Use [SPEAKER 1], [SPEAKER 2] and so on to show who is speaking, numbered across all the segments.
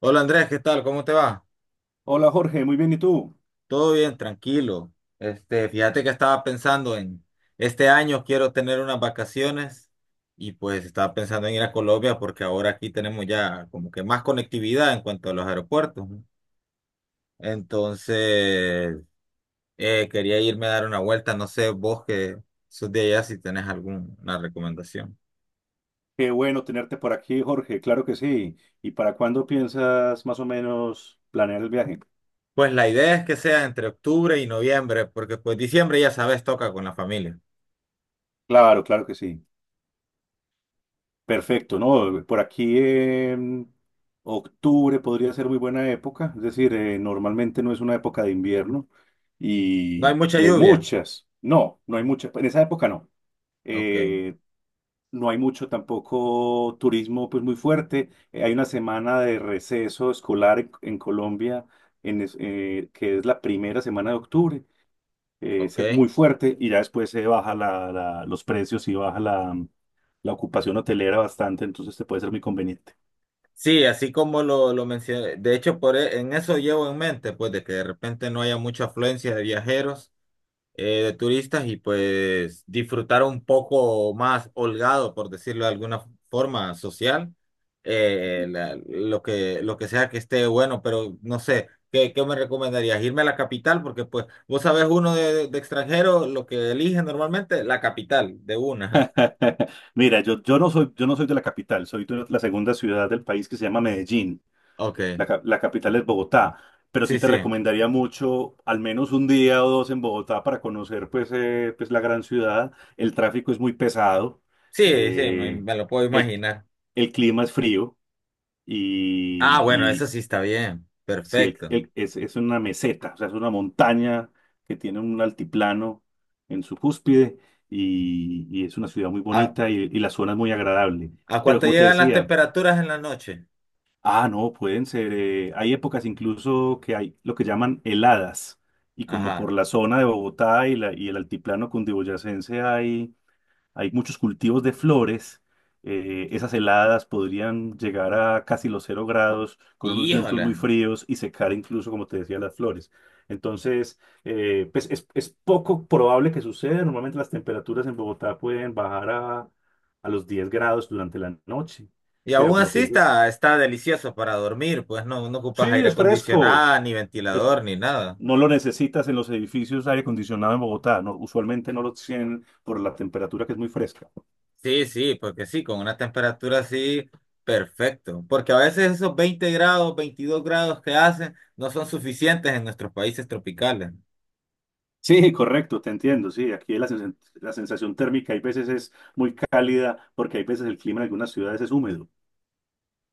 [SPEAKER 1] Hola Andrés, ¿qué tal? ¿Cómo te va?
[SPEAKER 2] Hola Jorge, muy bien, ¿y tú?
[SPEAKER 1] Todo bien, tranquilo. Este, fíjate que estaba pensando en este año quiero tener unas vacaciones y pues estaba pensando en ir a Colombia porque ahora aquí tenemos ya como que más conectividad en cuanto a los aeropuertos, ¿no? Entonces, quería irme a dar una vuelta, no sé, vos que sos de allá si tenés alguna recomendación.
[SPEAKER 2] Qué bueno tenerte por aquí, Jorge, claro que sí. ¿Y para cuándo piensas más o menos planear el viaje?
[SPEAKER 1] Pues la idea es que sea entre octubre y noviembre, porque pues diciembre ya sabes, toca con la familia.
[SPEAKER 2] Claro, claro que sí. Perfecto, ¿no? Por aquí en octubre podría ser muy buena época, es decir, normalmente no es una época de invierno
[SPEAKER 1] No hay
[SPEAKER 2] y,
[SPEAKER 1] mucha
[SPEAKER 2] y hay
[SPEAKER 1] lluvia.
[SPEAKER 2] muchas, no, no hay muchas, en esa época no.
[SPEAKER 1] Ok,
[SPEAKER 2] Eh, No hay mucho tampoco turismo pues muy fuerte. Hay una semana de receso escolar en Colombia que es la primera semana de octubre.
[SPEAKER 1] ok.
[SPEAKER 2] Es muy fuerte y ya después se baja los precios y baja la, la ocupación hotelera bastante, entonces te puede ser muy conveniente.
[SPEAKER 1] Sí, así como lo mencioné, de hecho por e- en eso llevo en mente, pues de que de repente no haya mucha afluencia de viajeros, de turistas y pues disfrutar un poco más holgado, por decirlo de alguna forma social, lo que sea que esté bueno, pero no sé, ¿qué me recomendarías? Irme a la capital, porque pues vos sabés uno de extranjero, lo que elige normalmente, la capital, de una.
[SPEAKER 2] Mira, yo no soy de la capital, soy de la segunda ciudad del país que se llama Medellín.
[SPEAKER 1] Ok,
[SPEAKER 2] La capital es Bogotá, pero sí
[SPEAKER 1] sí,
[SPEAKER 2] te
[SPEAKER 1] sí,
[SPEAKER 2] recomendaría mucho al menos un día o dos en Bogotá para conocer pues, pues la gran ciudad. El tráfico es muy pesado,
[SPEAKER 1] sí, sí, me
[SPEAKER 2] eh,
[SPEAKER 1] me lo puedo
[SPEAKER 2] el,
[SPEAKER 1] imaginar.
[SPEAKER 2] el clima es frío
[SPEAKER 1] Ah,
[SPEAKER 2] y,
[SPEAKER 1] bueno, eso
[SPEAKER 2] y
[SPEAKER 1] sí está bien.
[SPEAKER 2] sí,
[SPEAKER 1] Perfecto.
[SPEAKER 2] es una meseta, o sea, es una montaña que tiene un altiplano en su cúspide y es una ciudad muy
[SPEAKER 1] ¿A,
[SPEAKER 2] bonita y la zona es muy agradable.
[SPEAKER 1] a
[SPEAKER 2] Pero
[SPEAKER 1] cuánto
[SPEAKER 2] como te
[SPEAKER 1] llegan las
[SPEAKER 2] decía,
[SPEAKER 1] temperaturas en la noche?
[SPEAKER 2] ah, no, pueden ser. Hay épocas incluso que hay lo que llaman heladas. Y como
[SPEAKER 1] Ajá.
[SPEAKER 2] por la zona de Bogotá y el altiplano cundiboyacense hay, hay muchos cultivos de flores, esas heladas podrían llegar a casi los 0 grados con unos vientos
[SPEAKER 1] Híjole.
[SPEAKER 2] muy fríos y secar incluso, como te decía, las flores. Entonces, pues es poco probable que suceda. Normalmente las temperaturas en Bogotá pueden bajar a los 10 grados durante la noche.
[SPEAKER 1] Y
[SPEAKER 2] Pero
[SPEAKER 1] aún
[SPEAKER 2] como
[SPEAKER 1] así
[SPEAKER 2] te digo,
[SPEAKER 1] está delicioso para dormir, pues no, no ocupas
[SPEAKER 2] sí,
[SPEAKER 1] aire
[SPEAKER 2] es fresco.
[SPEAKER 1] acondicionado, ni
[SPEAKER 2] Es-
[SPEAKER 1] ventilador, ni nada.
[SPEAKER 2] no lo necesitas en los edificios de aire acondicionado en Bogotá. No, usualmente no lo tienen por la temperatura que es muy fresca.
[SPEAKER 1] Sí, sí, porque sí, con una temperatura así, perfecto. Porque a veces esos 20 grados, 22 grados que hacen no son suficientes en nuestros países tropicales.
[SPEAKER 2] Sí, correcto, te entiendo. Sí, la sensación térmica hay veces es muy cálida porque hay veces el clima en algunas ciudades es húmedo.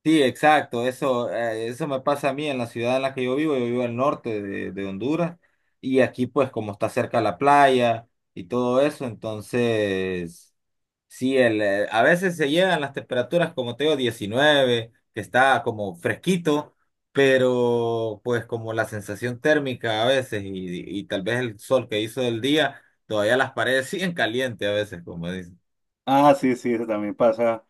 [SPEAKER 1] Sí, exacto, eso me pasa a mí en la ciudad en la que yo vivo al norte de Honduras y aquí pues como está cerca la playa y todo eso, entonces sí, a veces se llegan las temperaturas como te digo 19, que está como fresquito, pero pues como la sensación térmica a veces y tal vez el sol que hizo del día, todavía las paredes siguen calientes a veces, como dicen.
[SPEAKER 2] Ah, sí, sí, eso también pasa.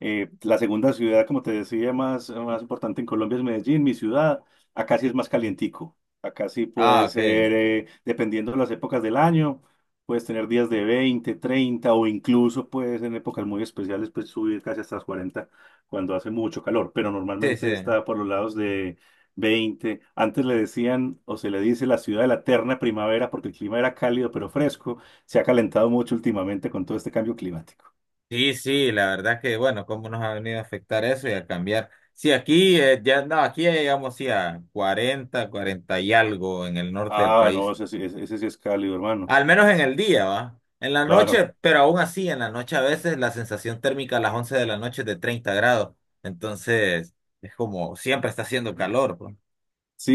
[SPEAKER 2] La segunda ciudad, como te decía, más importante en Colombia es Medellín, mi ciudad. Acá sí es más calientico. Acá sí
[SPEAKER 1] Ah,
[SPEAKER 2] puede
[SPEAKER 1] ok,
[SPEAKER 2] ser, dependiendo de las épocas del año, puedes tener días de 20 30 o incluso puedes en épocas muy especiales pues subir casi hasta las 40 cuando hace mucho calor, pero
[SPEAKER 1] sí, sí.
[SPEAKER 2] normalmente está por los lados de 20. Antes le decían o se le dice la ciudad de la eterna primavera porque el clima era cálido pero fresco. Se ha calentado mucho últimamente con todo este cambio climático.
[SPEAKER 1] Sí, sí, la verdad que bueno, cómo nos ha venido a afectar eso y a cambiar. Sí, aquí ya no, aquí ya llegamos sí, a 40, 40 y algo en el norte del
[SPEAKER 2] Ah, no,
[SPEAKER 1] país,
[SPEAKER 2] ese sí es cálido, hermano.
[SPEAKER 1] al menos en el día, ¿va? En la
[SPEAKER 2] Claro.
[SPEAKER 1] noche, pero aún así, en la noche a veces la sensación térmica a las 11 de la noche es de 30 grados, entonces es como siempre está haciendo calor, pues.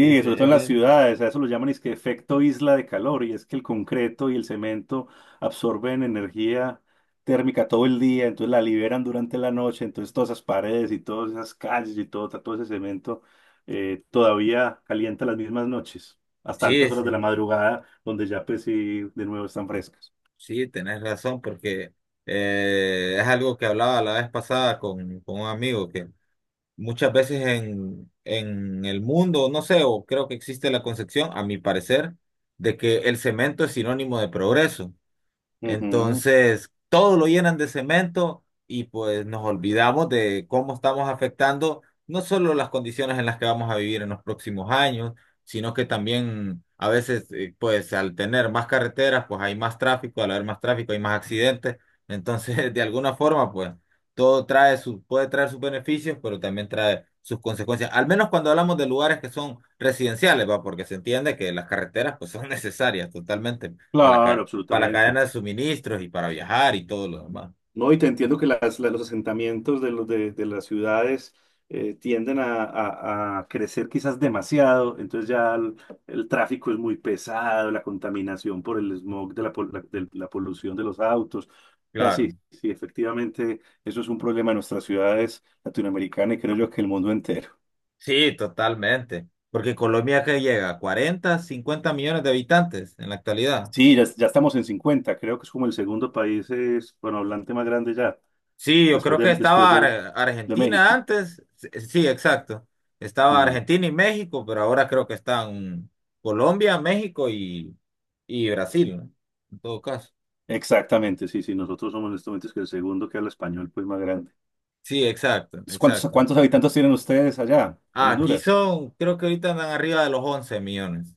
[SPEAKER 1] Y es,
[SPEAKER 2] sobre todo
[SPEAKER 1] es
[SPEAKER 2] en las
[SPEAKER 1] bien.
[SPEAKER 2] ciudades, a eso lo llaman es que efecto isla de calor, y es que el concreto y el cemento absorben energía térmica todo el día, entonces la liberan durante la noche, entonces todas esas paredes y todas esas calles y todo, todo ese cemento todavía calienta las mismas noches, hasta
[SPEAKER 1] Sí,
[SPEAKER 2] altas horas
[SPEAKER 1] sí,
[SPEAKER 2] de la madrugada, donde ya pues sí, de nuevo están frescas.
[SPEAKER 1] sí, tenés razón, porque es algo que hablaba la vez pasada con un amigo que muchas veces en el mundo, no sé, o creo que existe la concepción, a mi parecer, de que el cemento es sinónimo de progreso.
[SPEAKER 2] Ujú.
[SPEAKER 1] Entonces, todo lo llenan de cemento y pues nos olvidamos de cómo estamos afectando no solo las condiciones en las que vamos a vivir en los próximos años, sino que también a veces, pues al tener más carreteras, pues hay más tráfico, al haber más tráfico hay más accidentes. Entonces, de alguna forma, pues todo trae su, puede traer sus beneficios, pero también trae sus consecuencias. Al menos cuando hablamos de lugares que son residenciales, ¿va? Porque se entiende que las carreteras pues son necesarias totalmente para, la
[SPEAKER 2] Claro,
[SPEAKER 1] ca- para la
[SPEAKER 2] absolutamente.
[SPEAKER 1] cadena de suministros y para viajar y todo lo demás.
[SPEAKER 2] No, y te entiendo que los asentamientos de las ciudades tienden a crecer quizás demasiado, entonces ya el tráfico es muy pesado, la contaminación por el smog de de la polución de los autos. O sea, sí,
[SPEAKER 1] Claro,
[SPEAKER 2] sí, efectivamente, eso es un problema de nuestras ciudades latinoamericanas y creo yo que el mundo entero.
[SPEAKER 1] sí, totalmente. Porque Colombia que llega a 40, 50 millones de habitantes en la actualidad.
[SPEAKER 2] Sí, ya estamos en 50, creo que es como el segundo país es, bueno, hablante más grande ya,
[SPEAKER 1] Sí, yo creo que
[SPEAKER 2] después
[SPEAKER 1] estaba
[SPEAKER 2] de
[SPEAKER 1] Argentina
[SPEAKER 2] México.
[SPEAKER 1] antes. Sí, sí, exacto. Estaba
[SPEAKER 2] Mm.
[SPEAKER 1] Argentina y México, pero ahora creo que están Colombia, México y Brasil, ¿no? En todo caso.
[SPEAKER 2] Exactamente, sí, sí, nosotros somos en estos momentos que el segundo que habla español, pues más grande.
[SPEAKER 1] Sí, exacto,
[SPEAKER 2] ¿Cuántos,
[SPEAKER 1] exacto.
[SPEAKER 2] cuántos habitantes tienen ustedes allá en
[SPEAKER 1] Ah, aquí
[SPEAKER 2] Honduras?
[SPEAKER 1] son, creo que ahorita andan arriba de los 11 millones.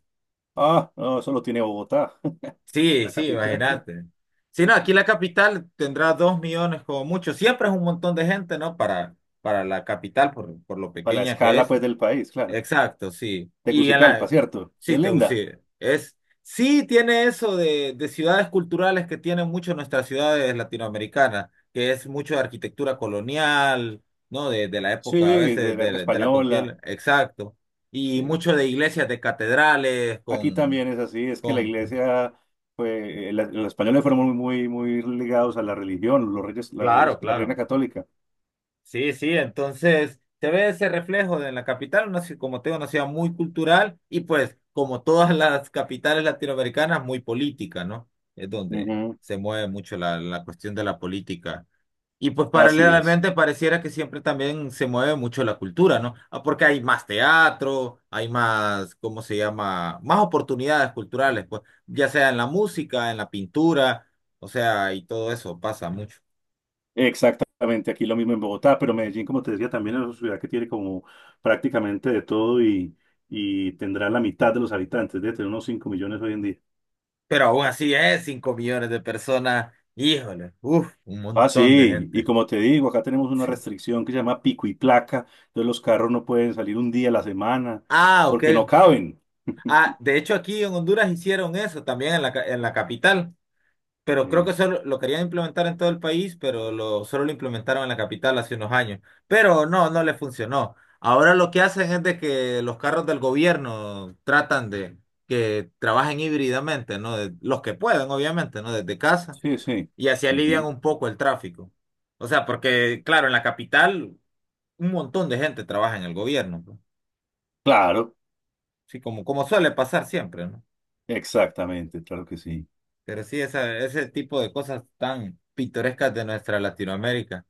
[SPEAKER 2] Ah, no, solo tiene Bogotá,
[SPEAKER 1] Sí,
[SPEAKER 2] la
[SPEAKER 1] sí,
[SPEAKER 2] capital,
[SPEAKER 1] imagínate. Si no, aquí la capital tendrá 2 millones como mucho. Siempre es un montón de gente, ¿no? Para la capital, por lo
[SPEAKER 2] para la
[SPEAKER 1] pequeña que
[SPEAKER 2] escala
[SPEAKER 1] es.
[SPEAKER 2] pues del país, claro.
[SPEAKER 1] Exacto, sí. Y en
[SPEAKER 2] Tegucigalpa,
[SPEAKER 1] la...
[SPEAKER 2] ¿cierto? Y
[SPEAKER 1] Sí,
[SPEAKER 2] es
[SPEAKER 1] te
[SPEAKER 2] linda.
[SPEAKER 1] sí, es... Sí tiene eso de ciudades culturales que tienen mucho nuestras ciudades latinoamericanas, que es mucho de arquitectura colonial, ¿no? De la
[SPEAKER 2] Sí,
[SPEAKER 1] época, a
[SPEAKER 2] de
[SPEAKER 1] veces,
[SPEAKER 2] la época
[SPEAKER 1] de la
[SPEAKER 2] española.
[SPEAKER 1] conquista. Exacto. Y
[SPEAKER 2] Sí.
[SPEAKER 1] mucho de iglesias, de catedrales,
[SPEAKER 2] Aquí
[SPEAKER 1] con...
[SPEAKER 2] también es así, es que la
[SPEAKER 1] con...
[SPEAKER 2] iglesia, pues, la- los españoles fueron muy ligados a la religión, los reyes,
[SPEAKER 1] Claro,
[SPEAKER 2] la reina
[SPEAKER 1] claro.
[SPEAKER 2] católica.
[SPEAKER 1] Sí, sí, entonces se ve ese reflejo de la capital, como tengo una ciudad muy cultural y pues como todas las capitales latinoamericanas, muy política, ¿no? Es donde
[SPEAKER 2] Ujú.
[SPEAKER 1] se mueve mucho la cuestión de la política. Y pues
[SPEAKER 2] Así es.
[SPEAKER 1] paralelamente pareciera que siempre también se mueve mucho la cultura, ¿no? Ah, porque hay más teatro, hay más, ¿cómo se llama? Más oportunidades culturales, pues, ya sea en la música, en la pintura, o sea, y todo eso pasa mucho.
[SPEAKER 2] Exactamente, aquí lo mismo en Bogotá, pero Medellín, como te decía, también es una ciudad que tiene como prácticamente de todo y tendrá la mitad de los habitantes, debe tener unos 5 millones hoy en día.
[SPEAKER 1] Pero aún así es 5 millones de personas. Híjole, uff, un
[SPEAKER 2] Ah,
[SPEAKER 1] montón de
[SPEAKER 2] sí, y
[SPEAKER 1] gente.
[SPEAKER 2] como te digo, acá tenemos una
[SPEAKER 1] Sí.
[SPEAKER 2] restricción que se llama pico y placa, entonces los carros no pueden salir un día a la semana
[SPEAKER 1] Ah, ok.
[SPEAKER 2] porque no caben.
[SPEAKER 1] Ah, de hecho aquí en Honduras hicieron eso también en la capital. Pero creo
[SPEAKER 2] Eh,
[SPEAKER 1] que solo lo querían implementar en todo el país, pero solo lo implementaron en la capital hace unos años. Pero no, no le funcionó. Ahora lo que hacen es de que los carros del gobierno tratan de que trabajen híbridamente, ¿no? Los que pueden, obviamente, ¿no? Desde casa.
[SPEAKER 2] sí, sí.
[SPEAKER 1] Y así alivian
[SPEAKER 2] Ujú.
[SPEAKER 1] un poco el tráfico. O sea, porque, claro, en la capital un montón de gente trabaja en el gobierno, ¿no?
[SPEAKER 2] Claro,
[SPEAKER 1] Sí, como suele pasar siempre, ¿no?
[SPEAKER 2] exactamente, claro que sí.
[SPEAKER 1] Pero sí, esa, ese tipo de cosas tan pintorescas de nuestra Latinoamérica.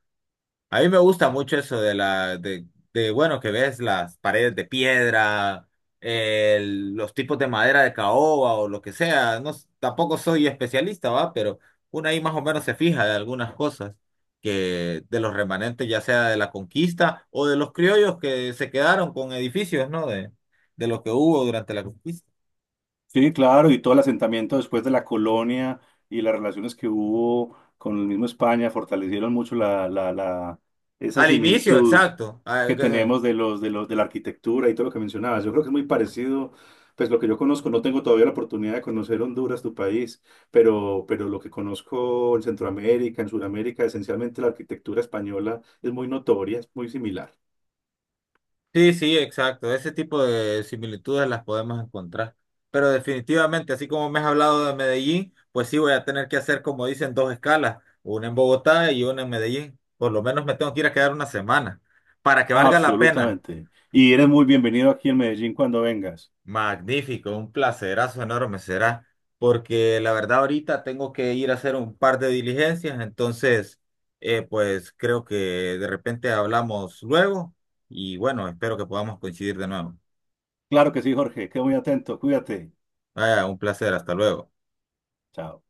[SPEAKER 1] A mí me gusta mucho eso de la, bueno, que ves las paredes de piedra, los tipos de madera de caoba o lo que sea. No, tampoco soy especialista, ¿va? Pero uno ahí más o menos se fija de algunas cosas que de los remanentes, ya sea de la conquista o de los criollos que se quedaron con edificios, ¿no? De lo que hubo durante la conquista.
[SPEAKER 2] Sí, claro, y todo el asentamiento después de la colonia y las relaciones que hubo con el mismo España fortalecieron mucho esa
[SPEAKER 1] Al inicio,
[SPEAKER 2] similitud
[SPEAKER 1] exacto. Ah,
[SPEAKER 2] que tenemos de la arquitectura y todo lo que mencionabas. Yo creo que es muy parecido, pues lo que yo conozco, no tengo todavía la oportunidad de conocer Honduras, tu país, pero lo que conozco en Centroamérica, en Sudamérica, esencialmente la arquitectura española es muy notoria, es muy similar.
[SPEAKER 1] sí, sí, exacto. Ese tipo de similitudes las podemos encontrar. Pero definitivamente, así como me has hablado de Medellín, pues sí voy a tener que hacer, como dicen, dos escalas, una en Bogotá y una en Medellín. Por lo menos me tengo que ir a quedar una semana, para que valga la pena.
[SPEAKER 2] Absolutamente. Y eres muy bienvenido aquí en Medellín cuando vengas.
[SPEAKER 1] Magnífico, un placerazo enorme será, porque la verdad ahorita tengo que ir a hacer un par de diligencias, entonces, pues creo que de repente hablamos luego y bueno, espero que podamos coincidir de nuevo.
[SPEAKER 2] Claro que sí, Jorge. Quedo muy atento. Cuídate.
[SPEAKER 1] Vaya, un placer, hasta luego.
[SPEAKER 2] Chao.